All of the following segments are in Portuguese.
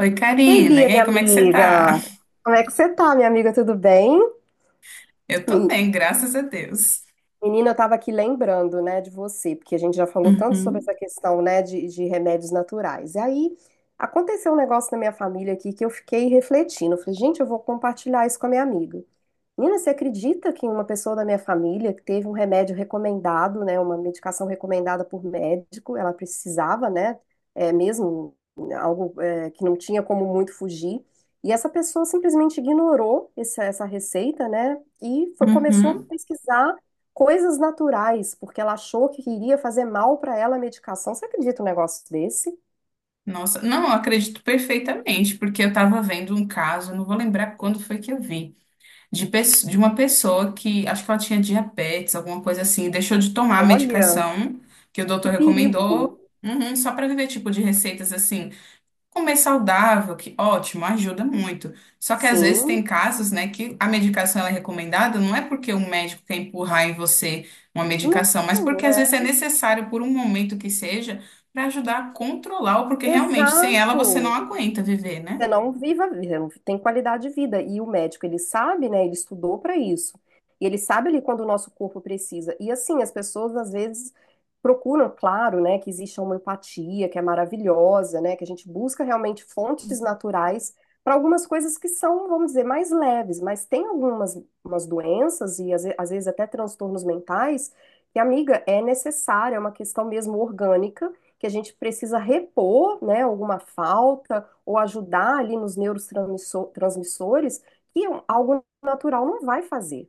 Oi, Ei, Karina. Bia, E aí, minha como é que você tá? amiga. Como é que você tá, minha amiga? Tudo bem? Eu tô Men- bem, graças a Deus. Menina, eu tava aqui lembrando, né, de você, porque a gente já falou tanto sobre Uhum, essa questão, né, de remédios naturais. E aí aconteceu um negócio na minha família aqui que eu fiquei refletindo. Eu falei, gente, eu vou compartilhar isso com a minha amiga. Nina, você acredita que uma pessoa da minha família que teve um remédio recomendado, né, uma medicação recomendada por médico, ela precisava, né, é, mesmo né, algo é, que não tinha como muito fugir, e essa pessoa simplesmente ignorou essa receita, né, e começou a uhum. pesquisar coisas naturais, porque ela achou que iria fazer mal para ela a medicação. Você acredita um negócio desse? Nossa, não, eu acredito perfeitamente, porque eu tava vendo um caso, não vou lembrar quando foi que eu vi, de uma pessoa que acho que ela tinha diabetes, alguma coisa assim, e deixou de tomar a Olha, medicação que o que doutor perigo. recomendou, uhum, só pra viver tipo de receitas assim. Comer saudável, que ótimo, ajuda muito. Só que às vezes tem Sim. casos, né, que a medicação ela é recomendada, não é porque o médico quer empurrar em você uma medicação, mas porque Não, às é. vezes é necessário por um momento que seja para ajudar a controlar, ou porque realmente sem ela você não Exato. aguenta viver, né? Você não viva, a vida, não tem qualidade de vida. E o médico, ele sabe, né? Ele estudou para isso. E ele sabe ali quando o nosso corpo precisa. E assim, as pessoas às vezes procuram, claro, né, que existe a homeopatia, que é maravilhosa, né, que a gente busca realmente fontes naturais para algumas coisas que são, vamos dizer, mais leves, mas tem algumas umas doenças e às vezes até transtornos mentais que, amiga, é necessária, é uma questão mesmo orgânica, que a gente precisa repor, né, alguma falta, ou ajudar ali nos neurotransmissores, que é um, algo natural não vai fazer.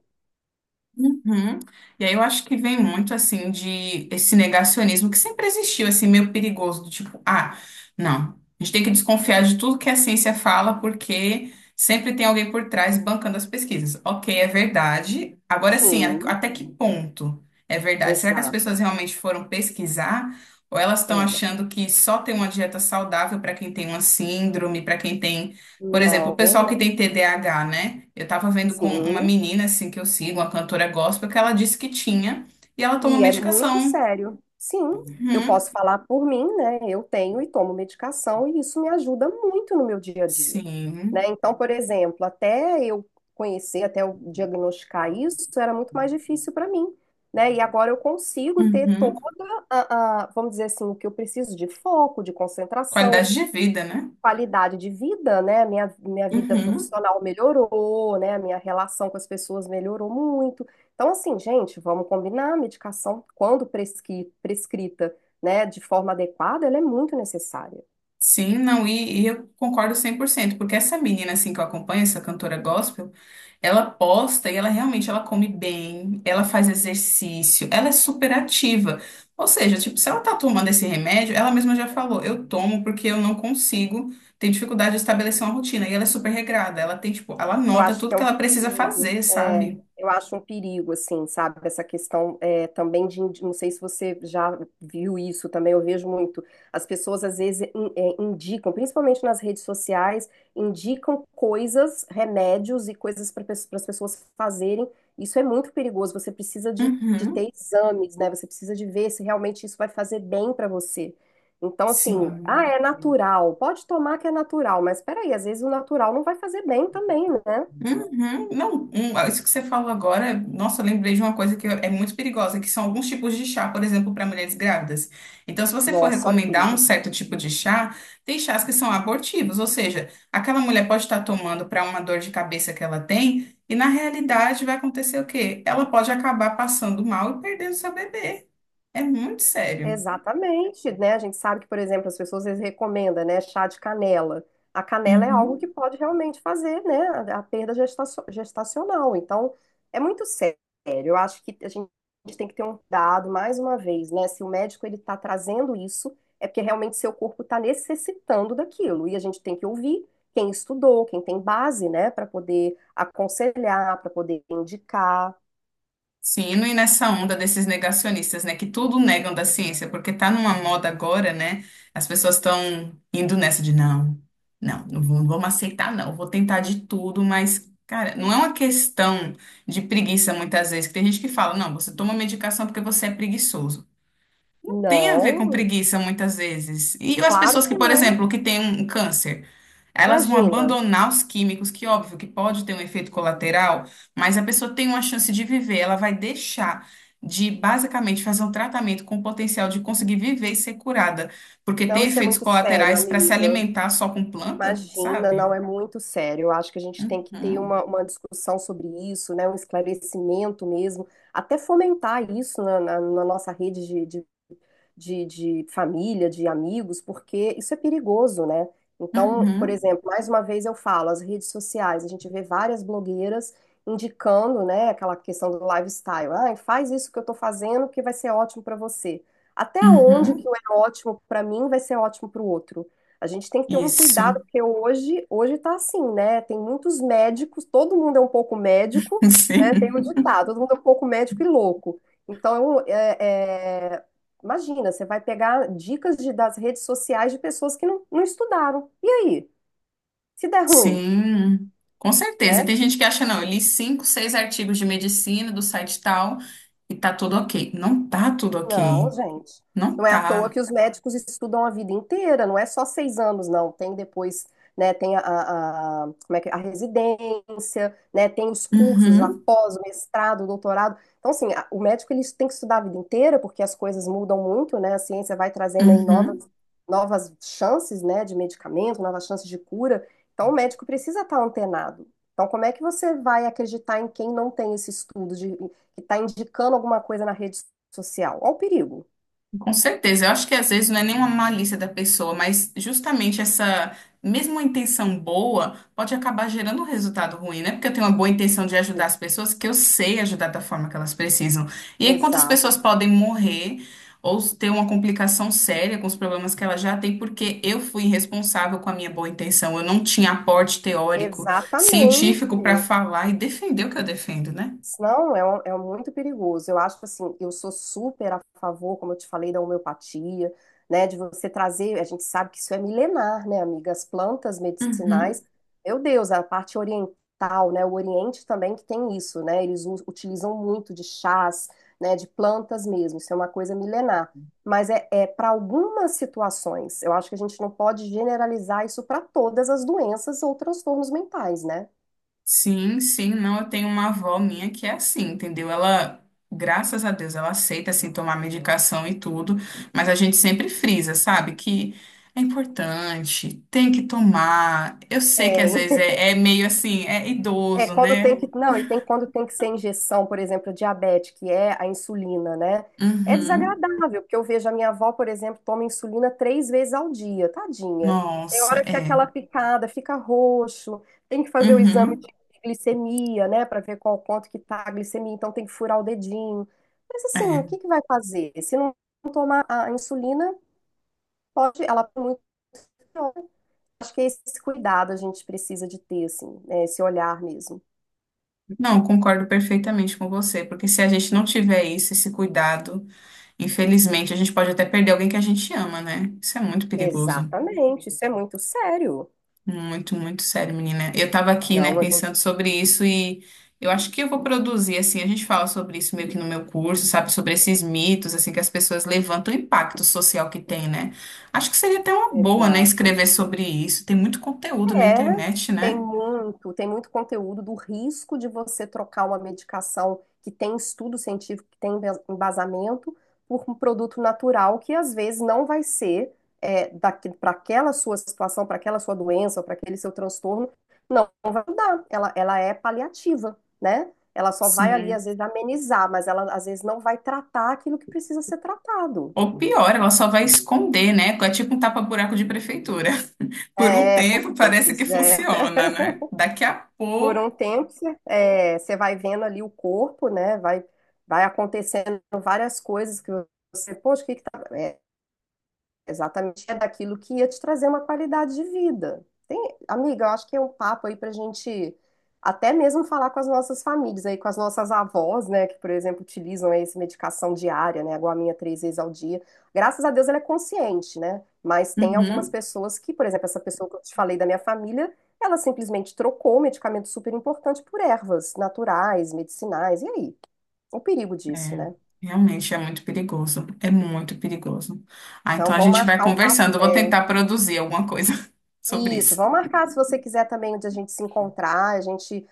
Uhum. E aí eu acho que vem muito assim de esse negacionismo que sempre existiu, assim, meio perigoso, do tipo, ah, não, a gente tem que desconfiar de tudo que a ciência fala, porque sempre tem alguém por trás bancando as pesquisas. Ok, é verdade. Agora sim, Sim, até que ponto é verdade? Será que as exato. pessoas realmente foram pesquisar? Ou elas estão É. achando que só tem uma dieta saudável para quem tem uma síndrome, para quem tem por exemplo, o Não, pessoal que não. tem TDAH, né? Eu tava vendo com uma Sim. menina, assim, que eu sigo, uma cantora gospel, que ela disse que tinha, e ela toma E é muito medicação. sério. Sim, eu Uhum. posso falar por mim, né? Eu tenho e tomo medicação e isso me ajuda muito no meu dia a dia, Sim. né? Então, por exemplo, até eu conhecer, até eu diagnosticar isso, era muito mais difícil para mim, né? E agora eu consigo ter Uhum. toda vamos dizer assim, o que eu preciso de foco, de concentração, Qualidade de vida, né? qualidade de vida, né? Minha vida Uhum. profissional melhorou, né? Minha relação com as pessoas melhorou muito. Então, assim, gente, vamos combinar, a medicação, quando prescrita, né, de forma adequada, ela é muito necessária. Sim, não, e eu concordo 100% porque essa menina, assim, que eu acompanho, essa cantora gospel, ela posta e ela realmente, ela come bem, ela faz exercício, ela é super ativa. Ou seja, tipo, se ela tá tomando esse remédio, ela mesma já falou, eu tomo porque eu não consigo, tenho dificuldade de estabelecer uma rotina, e ela é super regrada, ela tem, tipo, ela Eu anota acho tudo que é que um ela precisa perigo, fazer, é, sabe? eu acho um perigo, assim, sabe? Essa questão é, também de, não sei se você já viu isso também, eu vejo muito. As pessoas às vezes indicam, principalmente nas redes sociais, indicam coisas, remédios e coisas para as pessoas fazerem. Isso é muito perigoso. Você precisa de Uhum, ter exames, né? Você precisa de ver se realmente isso vai fazer bem para você. Então, assim, ah, sim. é natural. Pode tomar que é natural, mas peraí, às vezes o natural não vai fazer bem também, né? Uhum. Não, isso que você falou agora, nossa, eu lembrei de uma coisa que é muito perigosa, que são alguns tipos de chá, por exemplo, para mulheres grávidas. Então, se você for Nossa, olha o recomendar um perigo. certo tipo de chá, tem chás que são abortivos, ou seja, aquela mulher pode estar tomando para uma dor de cabeça que ela tem, e na realidade vai acontecer o quê? Ela pode acabar passando mal e perdendo seu bebê. É muito sério. Exatamente, né? A gente sabe que, por exemplo, as pessoas eles recomendam, né, chá de canela. A canela é algo que Uhum. pode realmente fazer, né, a perda gestacional. Então, é muito sério. Eu acho que a gente tem que ter um cuidado, mais uma vez, né? Se o médico ele está trazendo isso, é porque realmente seu corpo está necessitando daquilo. E a gente tem que ouvir quem estudou, quem tem base, né, para poder aconselhar, para poder indicar. Sim, e não ir nessa onda desses negacionistas, né, que tudo negam da ciência, porque tá numa moda agora, né? As pessoas estão indo nessa de não, não, não vamos aceitar, não, vou tentar de tudo, mas, cara, não é uma questão de preguiça muitas vezes, que tem gente que fala, não, você toma medicação porque você é preguiçoso tem a ver com Não, preguiça muitas vezes. E as claro pessoas que, que por não. exemplo, que têm um câncer, elas vão Imagina. abandonar os químicos, que óbvio que pode ter um efeito colateral, mas a pessoa tem uma chance de viver, ela vai deixar de basicamente fazer um tratamento com o potencial de conseguir viver e ser curada, porque Não, tem isso é efeitos muito sério, colaterais para se amiga. alimentar só com planta, Imagina, não sabe? é muito sério. Eu acho que a gente tem que ter Uhum, uma discussão sobre isso, né? Um esclarecimento mesmo, até fomentar isso na nossa rede de família, de amigos, porque isso é perigoso, né? Então, por uhum, exemplo, mais uma vez eu falo, as redes sociais, a gente vê várias blogueiras indicando, né, aquela questão do lifestyle. Ah, faz isso que eu tô fazendo que vai ser ótimo para você. Até onde que uhum. é ótimo para mim vai ser ótimo para o outro? A gente tem que ter um cuidado, Isso, porque hoje tá assim, né? Tem muitos médicos, todo mundo é um pouco médico, né? Tem o sim. ditado, todo mundo é um pouco médico e louco. Então, é, é, imagina, você vai pegar dicas das redes sociais de pessoas que não, não estudaram. E aí? Se der ruim, Sim, com certeza. E né? tem gente que acha, não, eu li cinco, seis artigos de medicina do site tal e tá tudo ok. Não tá tudo Não, ok. gente. Não Não é à toa tá. que os médicos estudam a vida inteira, não é só 6 anos, não. Tem depois, né? Tem a, como é que, é? A residência, né? Tem os cursos Uhum, após o mestrado, o doutorado. Então, assim, a- o médico ele tem que estudar a vida inteira, porque as coisas mudam muito, né? A ciência vai trazendo aí novas, uhum. novas chances, né? De medicamento, novas chances de cura. Então, o médico precisa estar antenado. Então, como é que você vai acreditar em quem não tem esse estudo, de, que está indicando alguma coisa na rede social, ao perigo. Com certeza, eu acho que às vezes não é nenhuma malícia da pessoa, mas justamente essa mesma intenção boa pode acabar gerando um resultado ruim, né? Porque eu tenho uma boa intenção de ajudar as pessoas, que eu sei ajudar da forma que elas precisam. E aí, quantas pessoas Exato, podem morrer ou ter uma complicação séria com os problemas que elas já têm, porque eu fui irresponsável com a minha boa intenção, eu não tinha aporte teórico, exatamente. científico para falar e defender o que eu defendo, né? Não, é, um- é muito perigoso. Eu acho que assim, eu sou super a favor, como eu te falei, da homeopatia, né? De você trazer, a gente sabe que isso é milenar, né, amiga? As plantas Uhum. medicinais, meu Deus, a parte oriental, né? O Oriente também que tem isso, né? Eles utilizam muito de chás, né? De plantas mesmo. Isso é uma coisa milenar. Mas é, é para algumas situações. Eu acho que a gente não pode generalizar isso para todas as doenças ou transtornos mentais, né? Sim, sim, não, eu tenho uma avó minha que é assim, entendeu? Ela, graças a Deus, ela aceita assim tomar medicação e tudo, mas a gente sempre frisa, sabe? Que é importante, tem que tomar. Eu sei que às Tem. vezes é meio assim, é É, idoso, quando tem né? que, não, e tem quando tem que ser injeção, por exemplo, diabetes, que é a insulina, né? É Uhum. desagradável, porque eu vejo a minha avó, por exemplo, toma insulina 3 vezes ao dia, tadinha. Tem Nossa, hora que é é. aquela picada fica roxo, tem que fazer o exame Uhum. de glicemia, né, para ver qual quanto que tá a glicemia, então tem que furar o dedinho. Mas assim, o que É. que vai fazer? Se não tomar a insulina, pode, ela é muito pior. Acho que é esse cuidado a gente precisa de ter, assim, né, esse olhar mesmo. Não, concordo perfeitamente com você, porque se a gente não tiver isso, esse cuidado, infelizmente, a gente pode até perder alguém que a gente ama, né? Isso é muito perigoso. Exatamente, isso é muito sério. Muito, muito sério, menina. Eu tava aqui, né, Não, a É. pensando gente. sobre isso e eu acho que eu vou produzir, assim, a gente fala sobre isso meio que no meu curso, sabe, sobre esses mitos, assim, que as pessoas levantam o impacto social que tem, né? Acho que seria até uma boa, né, Exato. escrever sobre isso. Tem muito conteúdo na É, internet, tem né? muito, tem muito conteúdo do risco de você trocar uma medicação que tem estudo científico, que tem embasamento, por um produto natural que às vezes não vai ser é, para aquela sua situação, para aquela sua doença, para aquele seu transtorno, não vai ajudar. Ela é paliativa, né? Ela só vai ali, Sim. às vezes, amenizar, mas ela às vezes não vai tratar aquilo que precisa ser tratado. Ou pior, ela só vai esconder, né? É tipo um tapa-buraco de prefeitura. Por um É, tempo parece que pois é. funciona, né? Daqui a Por pouco. um tempo, você é, você vai vendo ali o corpo, né? Vai, vai acontecendo várias coisas que você, poxa, o que exatamente, é daquilo que ia te trazer uma qualidade de vida. Tem, amiga, eu acho que é um papo aí pra gente até mesmo falar com as nossas famílias aí, com as nossas avós, né, que, por exemplo, utilizam aí essa medicação diária, né, a guaminha 3 vezes ao dia. Graças a Deus ela é consciente, né? Mas tem algumas Uhum. pessoas que, por exemplo, essa pessoa que eu te falei da minha família, ela simplesmente trocou o medicamento super importante por ervas naturais, medicinais. E aí? O perigo disso, É, né? realmente é muito perigoso. É muito perigoso. Ah, Não então a vão gente vai marcar o conversando. Eu vou café. tentar produzir alguma coisa sobre Isso, isso. vamos marcar se você quiser também de a gente se encontrar, a gente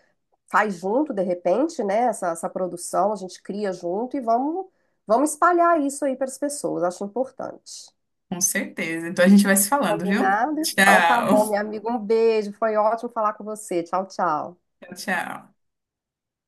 faz junto de repente, né? Essa produção, a gente cria junto e vamos espalhar isso aí para as pessoas, acho importante. Com certeza. Então a gente vai se falando, viu? Combinado? Então tá Tchau. bom, minha amiga, um beijo, foi ótimo falar com você. Tchau, tchau. Tchau, tchau.